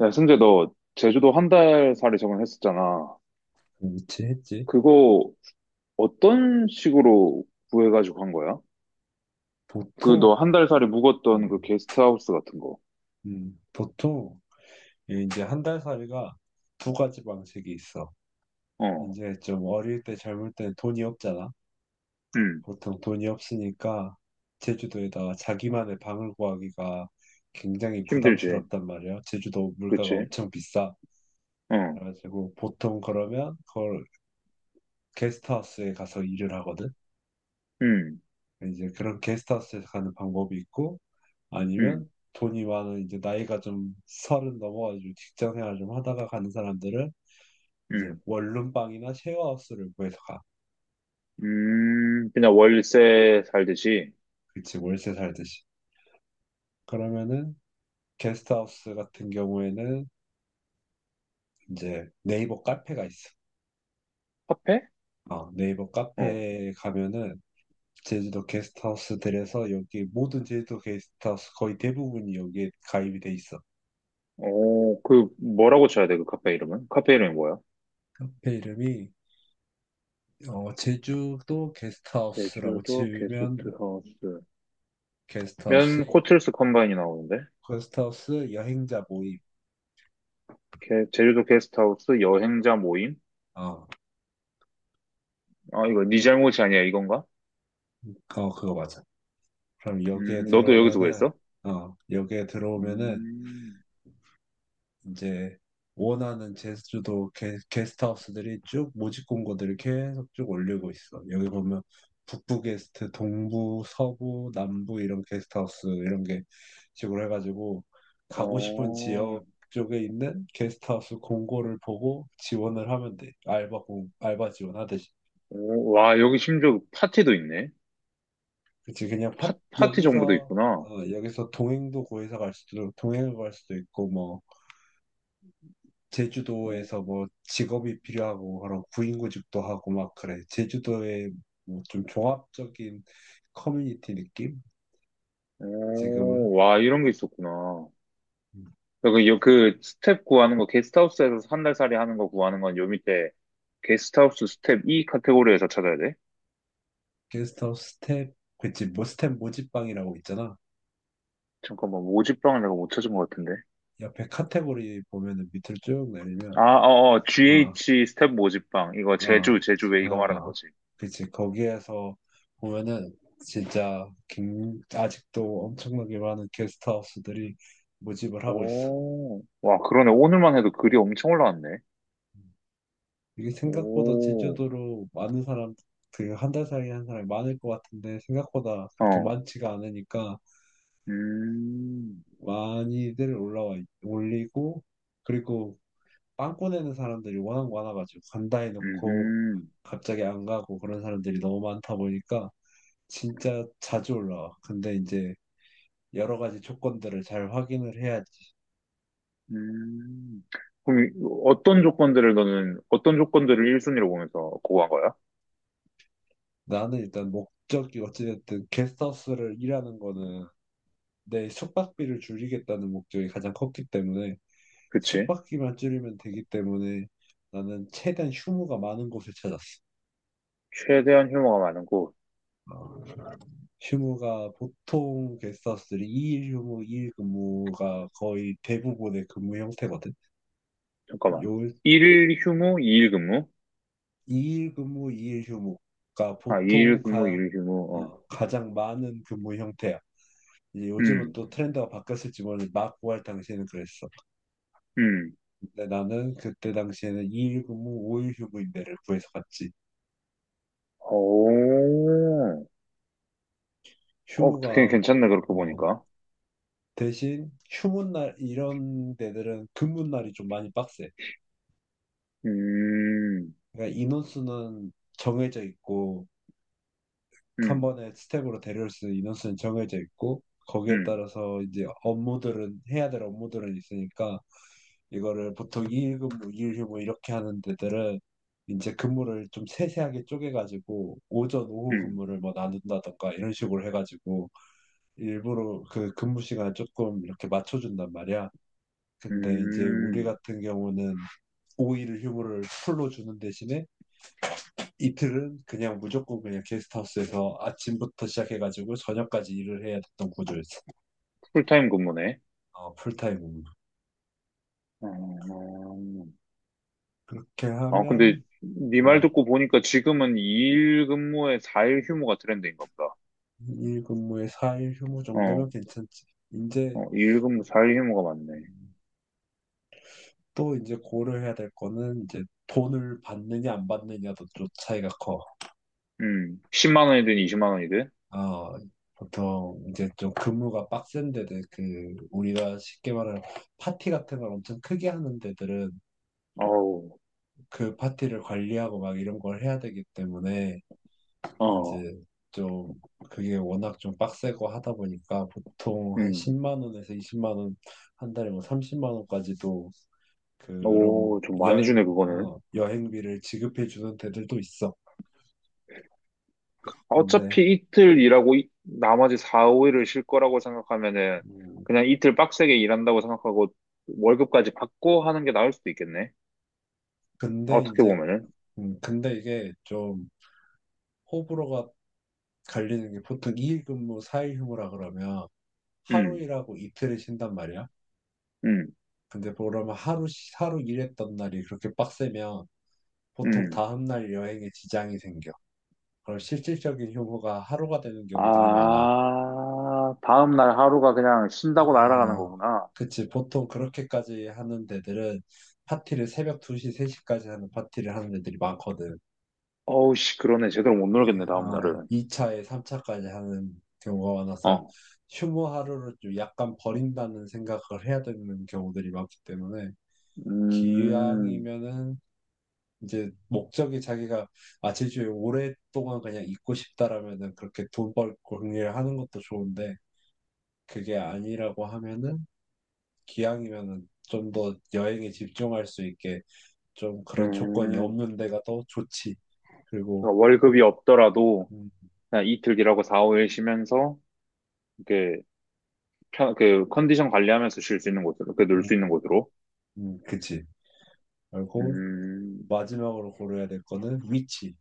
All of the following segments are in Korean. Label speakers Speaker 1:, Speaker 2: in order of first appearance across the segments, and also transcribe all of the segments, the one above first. Speaker 1: 야, 승재, 너 제주도 한 달 살이 적응했었잖아.
Speaker 2: 그렇지 했지.
Speaker 1: 그거 어떤 식으로 구해가지고 한 거야? 그 너
Speaker 2: 보통,
Speaker 1: 한 달 살이 묵었던 그
Speaker 2: 음,
Speaker 1: 게스트하우스 같은 거.
Speaker 2: 보통 이 이제 한 달 살이가 두 가지 방식이 있어.
Speaker 1: 어,
Speaker 2: 이제 좀 어릴 때 젊을 때 돈이 없잖아.
Speaker 1: 음,
Speaker 2: 보통 돈이 없으니까 제주도에다가 자기만의 방을 구하기가 굉장히
Speaker 1: 힘들지.
Speaker 2: 부담스럽단 말이야. 제주도 물가가
Speaker 1: 그치?
Speaker 2: 엄청 비싸.
Speaker 1: 어,
Speaker 2: 그래가지고 보통 그러면 그걸 게스트하우스에 가서 일을 하거든.
Speaker 1: 음,
Speaker 2: 이제 그런 게스트하우스에 가는 방법이 있고,
Speaker 1: 음,
Speaker 2: 아니면 돈이 많은 이제 나이가 좀 30 넘어가지고 직장 생활 좀 하다가 가는 사람들은 이제
Speaker 1: 음,
Speaker 2: 원룸방이나 쉐어하우스를 구해서 가.
Speaker 1: 그냥 월세 살듯이.
Speaker 2: 그치, 월세 살듯이. 그러면은 게스트하우스 같은 경우에는 이제 네이버 카페가 있어.
Speaker 1: 카페?
Speaker 2: 네이버
Speaker 1: 어,
Speaker 2: 카페에 가면은 제주도 게스트하우스들에서, 여기 모든 제주도 게스트하우스 거의 대부분이 여기에 가입이 돼 있어.
Speaker 1: 어, 그 뭐라고 쳐야 돼, 그 카페 이름은? 카페 이름이 뭐야?
Speaker 2: 카페 이름이 제주도 게스트하우스라고
Speaker 1: 제주도
Speaker 2: 치면
Speaker 1: 게스트하우스.
Speaker 2: 게스트하우스
Speaker 1: 면 호텔스 컴바인이 나오는데?
Speaker 2: 거스트하우스 여행자 모임.
Speaker 1: 제주도 게스트하우스 여행자 모임?
Speaker 2: 어,
Speaker 1: 아, 이거 네 잘못이 아니야, 이건가?
Speaker 2: 그거 맞아. 그럼 여기에
Speaker 1: 너도 여기서
Speaker 2: 들어오면은,
Speaker 1: 구했어?
Speaker 2: 어, 여기에 들어오면은
Speaker 1: 음,
Speaker 2: 이제 원하는 제주도 게스트하우스들이 쭉 모집 공고들을 계속 쭉 올리고 있어. 여기 보면 북부 게스트, 동부, 서부, 남부 이런 게스트하우스, 이런 게 식으로 해가지고 가고 싶은
Speaker 1: 어,
Speaker 2: 지역 쪽에 있는 게스트하우스 공고를 보고 지원을 하면 돼. 알바 지원하듯이.
Speaker 1: 오, 와, 여기 심지어 파티도 있네.
Speaker 2: 그치, 그냥
Speaker 1: 파티 정보도
Speaker 2: 여기서,
Speaker 1: 있구나.
Speaker 2: 어, 여기서 동행도 구해서 갈 수도, 동행을 갈 수도 있고, 뭐,
Speaker 1: 어,
Speaker 2: 제주도에서 뭐, 직업이 필요하고 그런 구인구직도 하고, 막, 그래. 제주도의 뭐, 좀 종합적인 커뮤니티 느낌? 지금은.
Speaker 1: 오, 와, 이런 게 있었구나.
Speaker 2: 음.
Speaker 1: 그 스텝 구하는 거, 게스트하우스에서 한 달 살이 하는 거 구하는 건 요 밑에 게스트하우스 스텝 E 카테고리에서 찾아야 돼.
Speaker 2: 게스트하우스 스텝, 그치, 뭐, 스텝 모집방이라고 있잖아.
Speaker 1: 잠깐만, 모집방을 내가 못 찾은 것 같은데.
Speaker 2: 옆에 카테고리 보면은 밑으로 쭉 내리면,
Speaker 1: 아, 어, 어,
Speaker 2: 어,
Speaker 1: GH 스텝 모집방. 이거
Speaker 2: 어,
Speaker 1: 제주 왜 이거 말하는
Speaker 2: 어,
Speaker 1: 거지?
Speaker 2: 그치. 거기에서 보면은 진짜 아직도 엄청나게 많은 게스트하우스들이 모집을 하고 있어.
Speaker 1: 오, 와, 그러네. 오늘만 해도 글이 엄청 올라왔네.
Speaker 2: 이게 생각보다
Speaker 1: 오,
Speaker 2: 제주도로 많은 사람, 그 한 달 사이에 한 사람이 많을 것 같은데 생각보다 그렇게
Speaker 1: 어,
Speaker 2: 많지가 않으니까
Speaker 1: 음,
Speaker 2: 많이들 올라와, 올리고. 그리고 빵꾸 내는 사람들이 워낙 많아가지고 간다 해놓고
Speaker 1: 음,
Speaker 2: 갑자기 안 가고, 그런 사람들이 너무 많다 보니까 진짜 자주 올라와. 근데 이제 여러 가지 조건들을 잘 확인을 해야지.
Speaker 1: 음. 그럼 어떤 조건들을 너는, 어떤 조건들을 1순위로 보면서 고고한 거야?
Speaker 2: 나는 일단 목적이, 어찌됐든 게스트하우스를 일하는 거는 내 숙박비를 줄이겠다는 목적이 가장 컸기 때문에,
Speaker 1: 그치?
Speaker 2: 숙박비만 줄이면 되기 때문에 나는 최대한 휴무가 많은 곳을 찾았어.
Speaker 1: 최대한 휴무가 많은 곳.
Speaker 2: 어, 휴무가 보통 게스트하우스들이 2일 휴무, 2일 근무가 거의 대부분의 근무 형태거든.
Speaker 1: 잠깐만.
Speaker 2: 요
Speaker 1: 1일 휴무, 2일 근무?
Speaker 2: 2일 근무, 2일 휴무가
Speaker 1: 아,
Speaker 2: 보통
Speaker 1: 2일 근무, 1일 휴무, 어.
Speaker 2: 가장 많은 근무 형태야. 이제 요즘은
Speaker 1: 음,
Speaker 2: 또 트렌드가 바뀌었을지 모르는데, 막 구할 당시에는 그랬어.
Speaker 1: 음.
Speaker 2: 근데 나는 그때 당시에는 2일 근무, 5일 휴무 임대를 구해서 갔지.
Speaker 1: 오, 어,
Speaker 2: 휴무가
Speaker 1: 되게 괜찮네, 그렇게
Speaker 2: 어,
Speaker 1: 보니까.
Speaker 2: 대신 휴무 날, 이런 데들은 근무 날이 좀 많이 빡세.
Speaker 1: 음,
Speaker 2: 그러니까 인원수는 정해져 있고, 한
Speaker 1: 음,
Speaker 2: 번에 스텝으로 데려올 수 있는 인원수는 정해져 있고, 거기에
Speaker 1: 음,
Speaker 2: 따라서 이제 업무들은 해야 될 업무들은 있으니까 이거를 보통 2일 근무2휴무 이렇게 하는 데들은 이제 근무를 좀 세세하게 쪼개가지고 오전, 오후
Speaker 1: 음.
Speaker 2: 근무를 뭐 나눈다던가 이런 식으로 해가지고 일부러 그 근무 시간 조금 이렇게 맞춰준단 말이야. 근데 이제 우리
Speaker 1: 음,
Speaker 2: 같은 경우는 5일 휴무를 풀로 주는 대신에 이틀은 그냥 무조건 그냥 게스트하우스에서 아침부터 시작해가지고 저녁까지 일을 해야 됐던 구조였어.
Speaker 1: 풀타임 근무네.
Speaker 2: 어, 풀타임으로.
Speaker 1: 음,
Speaker 2: 그렇게
Speaker 1: 아, 근데
Speaker 2: 하면,
Speaker 1: 네 말
Speaker 2: 음,
Speaker 1: 듣고 보니까 지금은 2일 근무에 4일 휴무가 트렌드인가 보다.
Speaker 2: 2일 근무에 4일 휴무 정도면
Speaker 1: 어,
Speaker 2: 괜찮지. 이제
Speaker 1: 어, 2일 근무 4일 휴무가 맞네.
Speaker 2: 음, 또 이제 고려해야 될 거는 이제 돈을 받느냐 안 받느냐도 좀 차이가 커.
Speaker 1: 10만 원이든 20만 원이든?
Speaker 2: 어, 보통 이제 좀 근무가 빡센 데들, 그 우리가 쉽게 말하는 파티 같은 걸 엄청 크게 하는 데들은
Speaker 1: 어우,
Speaker 2: 그 파티를 관리하고 막 이런 걸 해야 되기 때문에
Speaker 1: 어,
Speaker 2: 이제 좀, 그게 워낙 좀 빡세고 하다 보니까 보통 한
Speaker 1: 음,
Speaker 2: 10만 원에서 20만 원, 한 달에 뭐 30만 원까지도, 그런
Speaker 1: 오, 좀 많이 주네, 그거는.
Speaker 2: 여행비를 지급해 주는 데들도 있어. 근데
Speaker 1: 어차피 이틀 일하고 나머지 4, 5일을 쉴 거라고 생각하면은
Speaker 2: 음,
Speaker 1: 그냥 이틀 빡세게 일한다고 생각하고 월급까지 받고 하는 게 나을 수도 있겠네.
Speaker 2: 근데
Speaker 1: 어떻게
Speaker 2: 이제
Speaker 1: 보면은.
Speaker 2: 근데 이게 좀 호불호가 갈리는 게, 보통 2일 근무 4일 휴무라 그러면 하루
Speaker 1: 음,
Speaker 2: 일하고 이틀을 쉰단 말이야.
Speaker 1: 음,
Speaker 2: 근데 그러면 하루 일했던 날이 그렇게 빡세면 보통
Speaker 1: 음.
Speaker 2: 다음 날 여행에 지장이 생겨. 그럼 실질적인 휴무가 하루가 되는 경우들이 많아.
Speaker 1: 아, 다음날 하루가 그냥 쉰다고 날아가는
Speaker 2: 아,
Speaker 1: 거구나.
Speaker 2: 그치. 보통 그렇게까지 하는 데들은 파티를 새벽 2시, 3시까지 하는 파티를 하는 데들이 많거든.
Speaker 1: 어우, 씨, 그러네. 제대로 못
Speaker 2: 예,
Speaker 1: 놀겠네,
Speaker 2: 어,
Speaker 1: 다음날은.
Speaker 2: 2차에 3차까지 하는 경우가 많아서
Speaker 1: 어,
Speaker 2: 휴무 하루를 좀 약간 버린다는 생각을 해야 되는 경우들이 많기 때문에
Speaker 1: 음,
Speaker 2: 기왕이면은 이제 목적이 자기가 제주에 오랫동안 그냥 있고 싶다라면은 그렇게 돈 벌고 정리를 하는 것도 좋은데, 그게 아니라고 하면은 기왕이면은 좀 더 여행에 집중할 수 있게, 좀 그런 조건이
Speaker 1: 음.
Speaker 2: 없는 데가 더 좋지. 그리고
Speaker 1: 그러니까 월급이 없더라도
Speaker 2: 음,
Speaker 1: 그냥 이틀 일하고 4, 5일 쉬면서, 이렇게, 그, 컨디션 관리하면서 쉴 수 있는 곳으로, 그, 놀 수 있는
Speaker 2: 음,
Speaker 1: 곳으로.
Speaker 2: 그치. 그리고
Speaker 1: 음,
Speaker 2: 마지막으로 고려해야 될 거는 위치.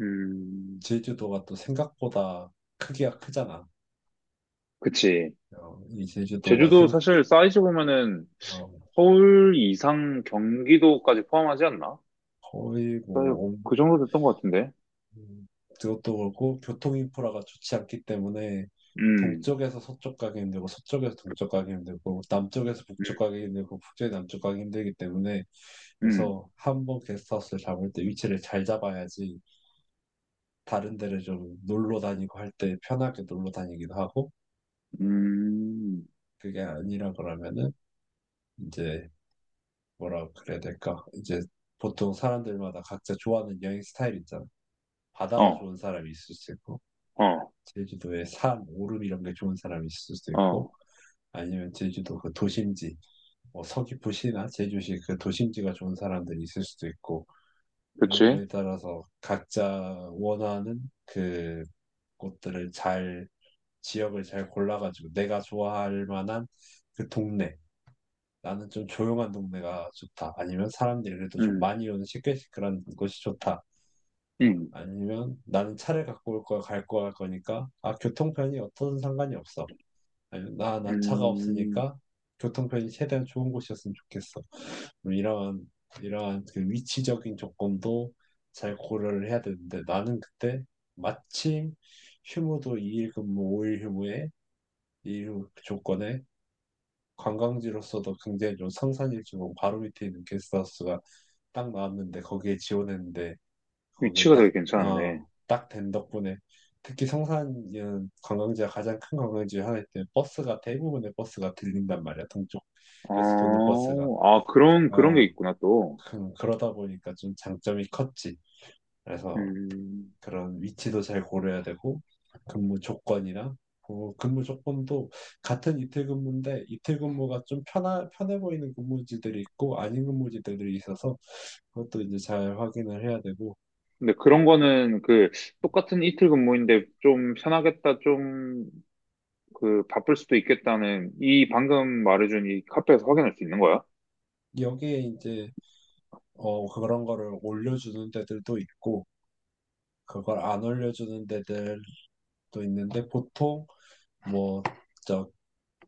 Speaker 1: 음.
Speaker 2: 제주도가 또 생각보다 크기가 크잖아.
Speaker 1: 그치.
Speaker 2: 어,
Speaker 1: 제주도 사실 사이즈 보면은
Speaker 2: 어,
Speaker 1: 서울 이상 경기도까지 포함하지 않나?
Speaker 2: 거의 뭐 엄-
Speaker 1: 그 정도 됐던 것 같은데.
Speaker 2: 음, 그것도 그렇고 교통 인프라가 좋지 않기 때문에
Speaker 1: 음.
Speaker 2: 동쪽에서 서쪽 가기 힘들고, 서쪽에서 동쪽 가기 힘들고, 남쪽에서 북쪽 가기 힘들고, 북쪽에서 남쪽 가기 힘들기 때문에,
Speaker 1: 음,
Speaker 2: 그래서 한번 게스트하우스를 잡을 때 위치를 잘 잡아야지 다른 데를 좀 놀러 다니고 할 때 편하게 놀러 다니기도 하고,
Speaker 1: 음,
Speaker 2: 그게 아니라 그러면은 이제, 뭐라 그래야 될까? 이제 보통 사람들마다 각자 좋아하는 여행 스타일 있잖아. 바다가
Speaker 1: 어,
Speaker 2: 좋은 사람이 있을 수 있고,
Speaker 1: 어,
Speaker 2: 제주도에 산, 오름 이런 게 좋은 사람이 있을 수도 있고,
Speaker 1: 어,
Speaker 2: 아니면 제주도 그 도심지, 뭐 서귀포시나 제주시 그 도심지가 좋은 사람들이 있을 수도 있고, 이런
Speaker 1: 그치?
Speaker 2: 거에 따라서 각자 원하는 그 곳들을 잘, 지역을 잘 골라가지고 내가 좋아할 만한 그 동네. 나는 좀 조용한 동네가 좋다, 아니면 사람들이 그래도 좀
Speaker 1: 음,
Speaker 2: 많이 오는 시끌시끌한 곳이 좋다,
Speaker 1: 음,
Speaker 2: 아니면 나는 차를 갖고 올 거야, 갈 거야 할 거니까 아, 교통편이 어떤 상관이 없어, 아니면 난 차가
Speaker 1: 음,
Speaker 2: 없으니까 교통편이 최대한 좋은 곳이었으면 좋겠어. 뭐 이러한 그 위치적인 조건도 잘 고려를 해야 되는데, 나는 그때 마침 휴무도 2일 근무, 5일 휴무에 이 조건에 관광지로서도 굉장히 좀 성산일주공 바로 밑에 있는 게스트하우스가 딱 나왔는데 거기에 지원했는데 거기에
Speaker 1: 위치가
Speaker 2: 딱,
Speaker 1: 되게 괜찮았네.
Speaker 2: 어, 딱 된 덕분에, 특히 성산은 관광지가, 가장 큰 관광지 하나 있기 때문에 버스가 대부분의 버스가 들린단 말이야,
Speaker 1: 어,
Speaker 2: 동쪽에서 도는 버스가.
Speaker 1: 아, 그런 게
Speaker 2: 어,
Speaker 1: 있구나, 또.
Speaker 2: 그러다 보니까 좀 장점이 컸지. 그래서
Speaker 1: 음,
Speaker 2: 그런 위치도 잘 고려해야 되고, 근무 조건이나 근무 조건도 같은 이틀 근무인데 이틀 근무가 좀 편해 보이는 근무지들이 있고 아닌 근무지들이 있어서 그것도 이제 잘 확인을 해야 되고,
Speaker 1: 근데 그런 거는 그, 똑같은 이틀 근무인데 좀 편하겠다, 좀, 그, 바쁠 수도 있겠다는, 이 방금 말해준 이 카페에서 확인할 수 있는 거야?
Speaker 2: 여기에 이제 그런 거를 올려주는 데들도 있고 그걸 안 올려주는 데들도 있는데, 보통 뭐, 저,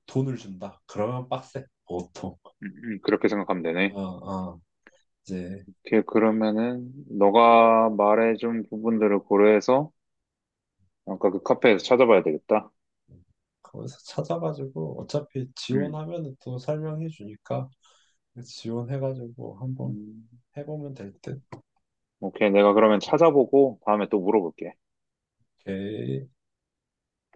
Speaker 2: 돈을 준다 그러면 빡세, 보통.
Speaker 1: 그렇게 생각하면 되네.
Speaker 2: 어, 어, 이제
Speaker 1: 오케이, 그러면은, 너가 말해준 부분들을 고려해서, 아까 그 카페에서 찾아봐야 되겠다.
Speaker 2: 거기서 찾아가지고 어차피
Speaker 1: 음.
Speaker 2: 지원하면 또 설명해 주니까, 지원해가지고 한번
Speaker 1: 음.
Speaker 2: 해보면 될 듯.
Speaker 1: 오케이. 내가 그러면 찾아보고 다음에 또 물어볼게.
Speaker 2: 오케이.